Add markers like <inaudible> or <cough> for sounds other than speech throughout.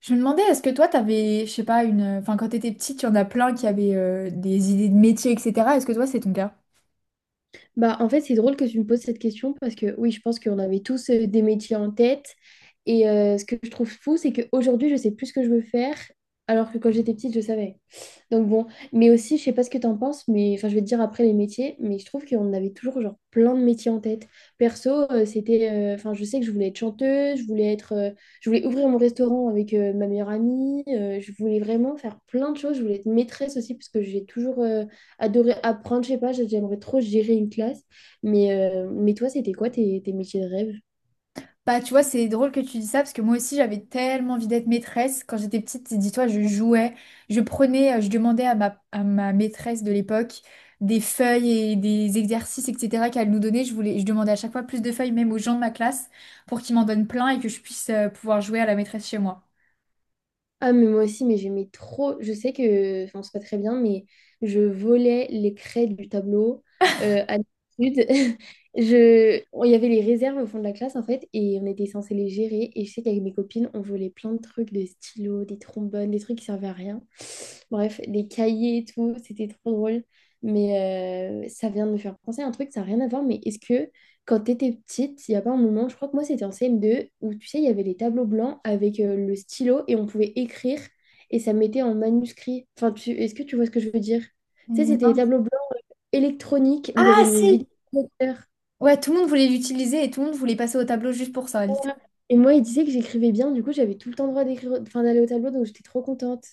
Je me demandais, est-ce que toi, t'avais, je sais pas, une... Enfin, quand t'étais petite, il y en a plein qui avaient des idées de métier, etc. Est-ce que toi, c'est ton cas? Bah, en fait, c'est drôle que tu me poses cette question parce que oui, je pense qu'on avait tous des métiers en tête. Et ce que je trouve fou, c'est qu'aujourd'hui, je sais plus ce que je veux faire, alors que quand j'étais petite, je savais. Donc bon, mais aussi, je sais pas ce que t'en penses, mais enfin, je vais te dire après les métiers, mais je trouve qu'on avait toujours genre plein de métiers en tête. Perso, c'était, enfin, je sais que je voulais être chanteuse, je voulais ouvrir mon restaurant avec ma meilleure amie, je voulais vraiment faire plein de choses, je voulais être maîtresse aussi parce que j'ai toujours adoré apprendre, je sais pas, j'aimerais trop gérer une classe. Mais toi, c'était quoi tes métiers de rêve? Bah, tu vois, c'est drôle que tu dis ça, parce que moi aussi, j'avais tellement envie d'être maîtresse. Quand j'étais petite, dis-toi, je jouais, je prenais, je demandais à ma maîtresse de l'époque des feuilles et des exercices, etc., qu'elle nous donnait. Je voulais, je demandais à chaque fois plus de feuilles, même aux gens de ma classe, pour qu'ils m'en donnent plein et que je puisse pouvoir jouer à la maîtresse chez moi. Ah, mais moi aussi, mais j'aimais trop. Je sais que, enfin, c'est pas très bien, mais je volais les craies du tableau à l'étude. <laughs> Il y avait les réserves au fond de la classe, en fait, et on était censé les gérer. Et je sais qu'avec mes copines, on volait plein de trucs, des stylos, des trombones, des trucs qui servaient à rien. Bref, les cahiers et tout, c'était trop drôle. Mais ça vient de me faire penser à un truc, ça n'a rien à voir. Mais est-ce que quand tu étais petite, il n'y a pas un moment, je crois que moi c'était en CM2, où tu sais, il y avait les tableaux blancs avec le stylo et on pouvait écrire et ça mettait en manuscrit. Est-ce que tu vois ce que je veux dire? Tu sais, c'était Non. les tableaux blancs électroniques où il y avait Ah le si! vidéoprojecteur. Ouais, tout le monde voulait l'utiliser et tout le monde voulait passer au tableau juste pour ça. Et moi, il disait que j'écrivais bien, du coup, j'avais tout le temps le droit d'écrire, enfin, d'aller au tableau, donc j'étais trop contente.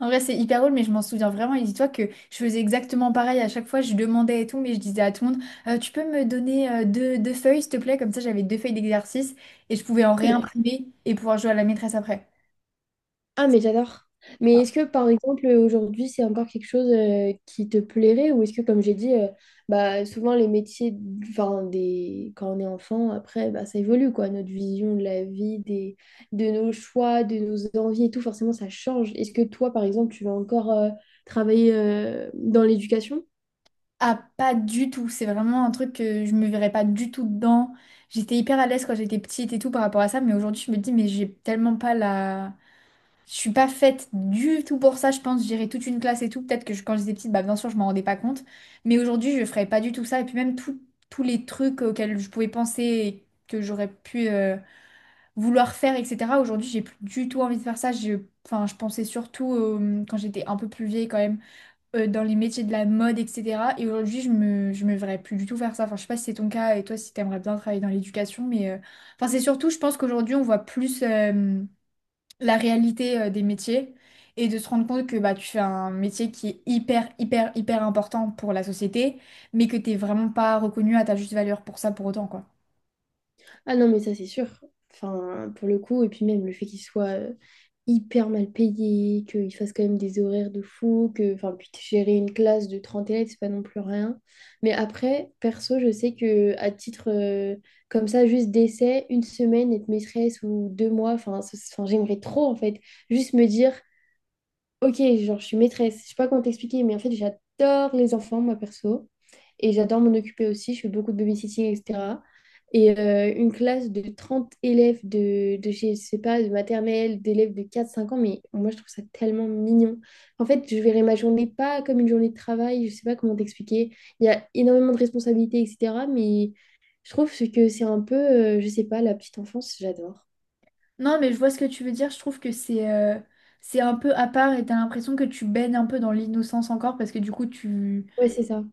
En vrai, c'est hyper drôle, mais je m'en souviens vraiment. Et dis-toi que je faisais exactement pareil à chaque fois. Je demandais et tout, mais je disais à tout le monde, tu peux me donner deux feuilles, s'il te plaît? Comme ça, j'avais deux feuilles d'exercice et je pouvais en réimprimer et pouvoir jouer à la maîtresse après. Ah, mais j'adore. Mais est-ce que, par exemple, aujourd'hui, c'est encore quelque chose qui te plairait ou est-ce que, comme j'ai dit, bah, souvent les métiers, quand on est enfant, après, bah, ça évolue, quoi. Notre vision de la vie, des... De nos choix, de nos envies et tout, forcément, ça change. Est-ce que toi, par exemple, tu vas encore travailler dans l'éducation? Ah, pas du tout. C'est vraiment un truc que je me verrais pas du tout dedans. J'étais hyper à l'aise quand j'étais petite et tout par rapport à ça, mais aujourd'hui, je me dis, mais j'ai tellement pas la... Je suis pas faite du tout pour ça, je pense. J'irais toute une classe et tout. Peut-être que je- quand j'étais petite, bah, bien sûr, je m'en rendais pas compte. Mais aujourd'hui, je ferais pas du tout ça. Et puis même tout- tous les trucs auxquels je pouvais penser et que j'aurais pu vouloir faire, etc. Aujourd'hui, j'ai plus du tout envie de faire ça. Je, enfin, je pensais surtout, quand j'étais un peu plus vieille quand même, dans les métiers de la mode, etc. Et aujourd'hui, je me verrais plus du tout faire ça. Enfin, je sais pas si c'est ton cas et toi, si t'aimerais bien travailler dans l'éducation. Mais enfin, c'est surtout, je pense qu'aujourd'hui, on voit plus. La réalité des métiers et de se rendre compte que bah, tu fais un métier qui est hyper, hyper, hyper important pour la société, mais que t'es vraiment pas reconnu à ta juste valeur pour ça pour autant, quoi. Ah non, mais ça, c'est sûr. Enfin, pour le coup, et puis même le fait qu'il soit hyper mal payé, qu'il fasse quand même des horaires de fou, que, enfin, puis gérer une classe de 30 élèves, c'est pas non plus rien. Mais après, perso, je sais que à titre, comme ça, juste d'essai, une semaine, être maîtresse ou 2 mois, enfin, j'aimerais trop, en fait, juste me dire, Ok, genre, je suis maîtresse. Je sais pas comment t'expliquer, mais en fait, j'adore les enfants, moi, perso. Et j'adore m'en occuper aussi. Je fais beaucoup de babysitting, etc. Et une classe de 30 je sais pas, de maternelle, d'élèves de quatre cinq ans, mais moi, je trouve ça tellement mignon. En fait, je verrai ma journée pas comme une journée de travail. Je sais pas comment t'expliquer. Il y a énormément de responsabilités, etc. Mais je trouve que c'est un peu, je sais pas, la petite enfance, j'adore. Non, mais je vois ce que tu veux dire. Je trouve que c'est un peu à part et t'as l'impression que tu baignes un peu dans l'innocence encore parce que du coup, tu Ouais, c'est ça.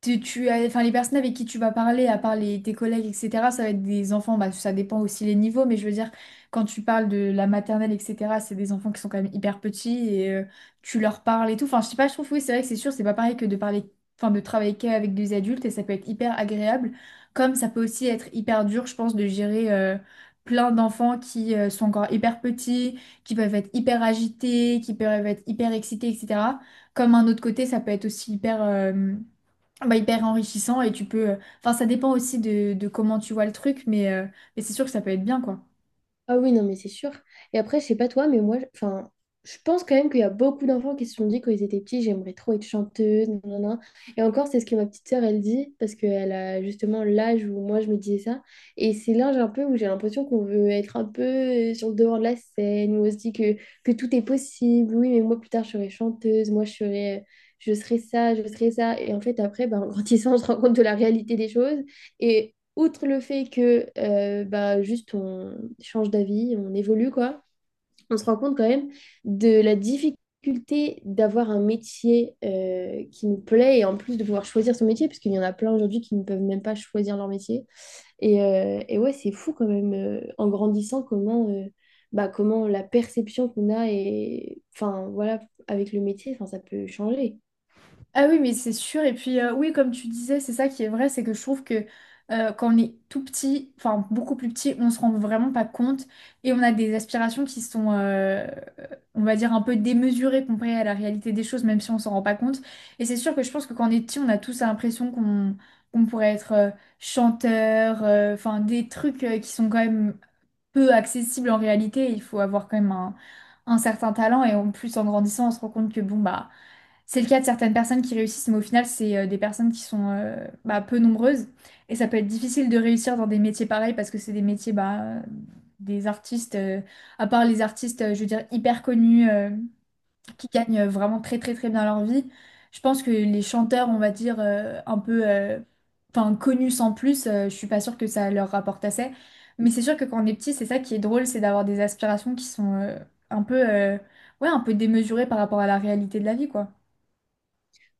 tu as, enfin, les personnes avec qui tu vas parler, à part les, tes collègues, etc., ça va être des enfants, bah, ça dépend aussi les niveaux, mais je veux dire, quand tu parles de la maternelle, etc., c'est des enfants qui sont quand même hyper petits et tu leur parles et tout. Enfin, je sais pas, je trouve, oui, c'est vrai que c'est sûr, c'est pas pareil que de parler, enfin, de travailler qu'avec des adultes et ça peut être hyper agréable, comme ça peut aussi être hyper dur, je pense, de gérer plein d'enfants qui sont encore hyper petits, qui peuvent être hyper agités, qui peuvent être hyper excités, etc. Comme un autre côté, ça peut être aussi hyper. Bah, hyper enrichissant et tu peux... Enfin, ça dépend aussi de comment tu vois le truc, mais c'est sûr que ça peut être bien, quoi. Ah oui, non, mais c'est sûr. Et après, je sais pas toi, mais enfin, je pense quand même qu'il y a beaucoup d'enfants qui se sont dit quand ils étaient petits, j'aimerais trop être chanteuse, nanana. Et encore, c'est ce que ma petite sœur, elle dit, parce qu'elle a justement l'âge où moi, je me disais ça. Et c'est l'âge un peu où j'ai l'impression qu'on veut être un peu sur le devant de la scène, où on se dit que tout est possible. Oui, mais moi, plus tard, je serai chanteuse, moi, je serai ça, je serai ça. Et en fait, après, ben, en grandissant, <laughs> on se rend compte de la réalité des choses. Et outre le fait que bah, juste on change d'avis, on évolue, quoi, on se rend compte quand même de la difficulté d'avoir un métier qui nous plaît et en plus de pouvoir choisir son métier, parce qu'il y en a plein aujourd'hui qui ne peuvent même pas choisir leur métier. Et ouais, c'est fou quand même, en grandissant, bah, comment la perception qu'on a et enfin voilà, avec le métier, enfin, ça peut changer. Ah oui, mais c'est sûr. Et puis, oui, comme tu disais, c'est ça qui est vrai, c'est que je trouve que quand on est tout petit, enfin, beaucoup plus petit, on se rend vraiment pas compte et on a des aspirations qui sont, on va dire, un peu démesurées comparées à la réalité des choses, même si on s'en rend pas compte. Et c'est sûr que je pense que quand on est petit, on a tous l'impression qu'on pourrait être chanteur, enfin, des trucs qui sont quand même peu accessible en réalité. Il faut avoir quand même un certain talent et en plus en grandissant, on se rend compte que bon bah c'est le cas de certaines personnes qui réussissent, mais au final c'est des personnes qui sont bah, peu nombreuses et ça peut être difficile de réussir dans des métiers pareils parce que c'est des métiers bah, des artistes, à part les artistes, je veux dire hyper connus. Qui gagnent vraiment très très très bien leur vie. Je pense que les chanteurs, on va dire, un peu enfin, connus sans plus, je suis pas sûre que ça leur rapporte assez. Mais c'est sûr que quand on est petit, c'est ça qui est drôle, c'est d'avoir des aspirations qui sont un peu, ouais, un peu démesurées par rapport à la réalité de la vie, quoi.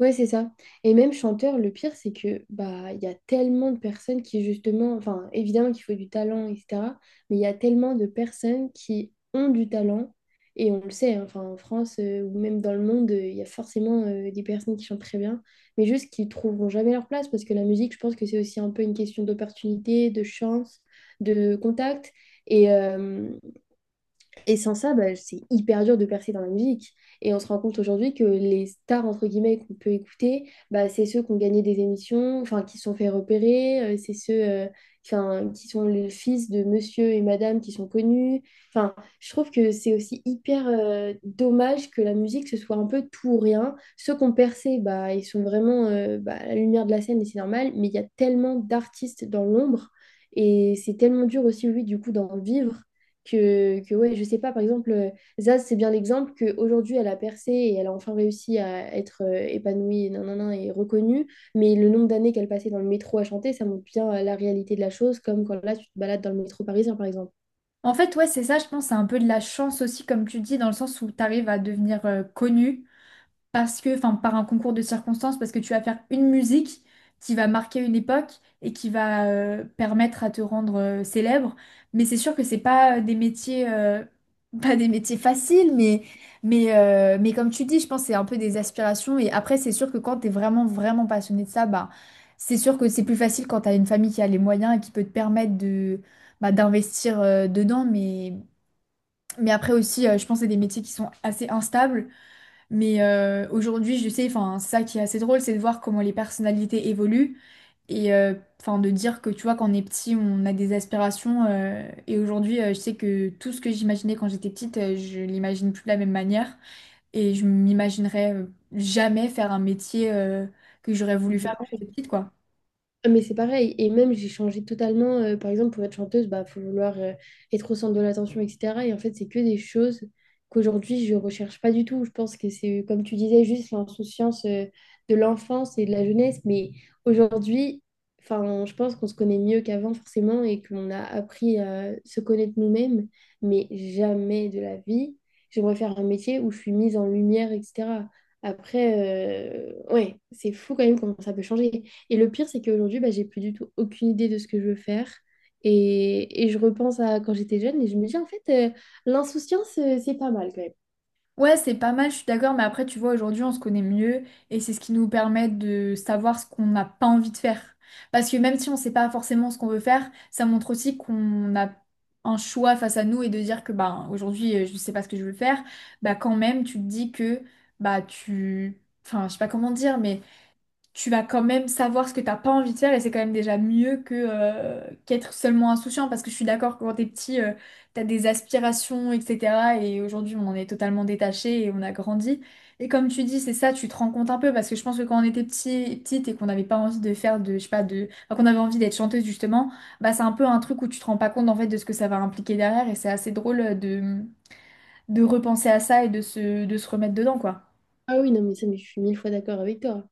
Ouais, c'est ça. Et même chanteur, le pire, c'est que bah il y a tellement de personnes qui justement, enfin évidemment qu'il faut du talent, etc. Mais il y a tellement de personnes qui ont du talent et on le sait, hein, enfin en France ou même dans le monde, il y a forcément des personnes qui chantent très bien, mais juste qui trouveront jamais leur place parce que la musique, je pense que c'est aussi un peu une question d'opportunité, de chance, de contact. Et, euh, et sans ça, bah, c'est hyper dur de percer dans la musique. Et on se rend compte aujourd'hui que les stars, entre guillemets, qu'on peut écouter, bah, c'est ceux qui ont gagné des émissions, enfin, qui se sont fait repérer, c'est ceux, enfin, qui sont les fils de monsieur et madame qui sont connus. Enfin, je trouve que c'est aussi hyper dommage que la musique, ce soit un peu tout ou rien. Ceux qui ont percé, bah, ils sont vraiment bah, à la lumière de la scène et c'est normal, mais il y a tellement d'artistes dans l'ombre. Et c'est tellement dur aussi, lui, du coup, d'en vivre que ouais, je sais pas, par exemple, Zaz, c'est bien l'exemple qu'aujourd'hui, elle a percé et elle a enfin réussi à être épanouie nanana, et reconnue, mais le nombre d'années qu'elle passait dans le métro à chanter, ça montre bien la réalité de la chose, comme quand là, tu te balades dans le métro parisien, par exemple. En fait, ouais, c'est ça, je pense, c'est un peu de la chance aussi, comme tu dis, dans le sens où tu arrives à devenir connu parce que, enfin, par un concours de circonstances, parce que tu vas faire une musique qui va marquer une époque et qui va permettre à te rendre célèbre. Mais c'est sûr que c'est pas des métiers, <laughs> pas des métiers faciles, mais comme tu dis, je pense que c'est un peu des aspirations. Et après, c'est sûr que quand t'es vraiment, vraiment passionné de ça, bah, c'est sûr que c'est plus facile quand t'as une famille qui a les moyens et qui peut te permettre de, bah, d'investir dedans. Mais après aussi, je pense que c'est des métiers qui sont assez instables. Mais aujourd'hui, je sais, enfin, ça qui est assez drôle, c'est de voir comment les personnalités évoluent et enfin de dire que tu vois, quand on est petit, on a des aspirations. Et aujourd'hui, je sais que tout ce que j'imaginais quand j'étais petite, je l'imagine plus de la même manière et je m'imaginerais jamais faire un métier que j'aurais voulu faire quand j'étais petite, quoi. Ah, mais c'est pareil, et même j'ai changé totalement, par exemple pour être chanteuse, bah faut vouloir être au centre de l'attention, etc. Et en fait, c'est que des choses qu'aujourd'hui je recherche pas du tout. Je pense que c'est, comme tu disais, juste l'insouciance de l'enfance et de la jeunesse. Mais aujourd'hui, enfin, je pense qu'on se connaît mieux qu'avant forcément et qu'on a appris à se connaître nous-mêmes, mais jamais de la vie. J'aimerais faire un métier où je suis mise en lumière, etc. Après, ouais, c'est fou quand même comment ça peut changer. Et le pire, c'est qu'aujourd'hui, bah, j'ai plus du tout aucune idée de ce que je veux faire. Et je repense à quand j'étais jeune et je me dis, en fait, l'insouciance, c'est pas mal quand même. Ouais, c'est pas mal, je suis d'accord, mais après, tu vois, aujourd'hui, on se connaît mieux et c'est ce qui nous permet de savoir ce qu'on n'a pas envie de faire. Parce que même si on sait pas forcément ce qu'on veut faire, ça montre aussi qu'on a un choix face à nous et de dire que bah aujourd'hui, je sais pas ce que je veux faire, bah quand même, tu te dis que bah tu. Enfin, je sais pas comment dire, mais tu vas quand même savoir ce que t'as pas envie de faire et c'est quand même déjà mieux que qu'être seulement insouciant parce que je suis d'accord que quand t'es petit t'as des aspirations etc et aujourd'hui on en est totalement détaché et on a grandi et comme tu dis c'est ça tu te rends compte un peu parce que je pense que quand on était petit petite et qu'on n'avait pas envie de faire de je sais pas de enfin, qu'on avait envie d'être chanteuse justement bah c'est un peu un truc où tu te rends pas compte en fait de ce que ça va impliquer derrière et c'est assez drôle de repenser à ça et de se remettre dedans quoi Ah oui, non, mais ça, mais je suis mille fois d'accord avec toi.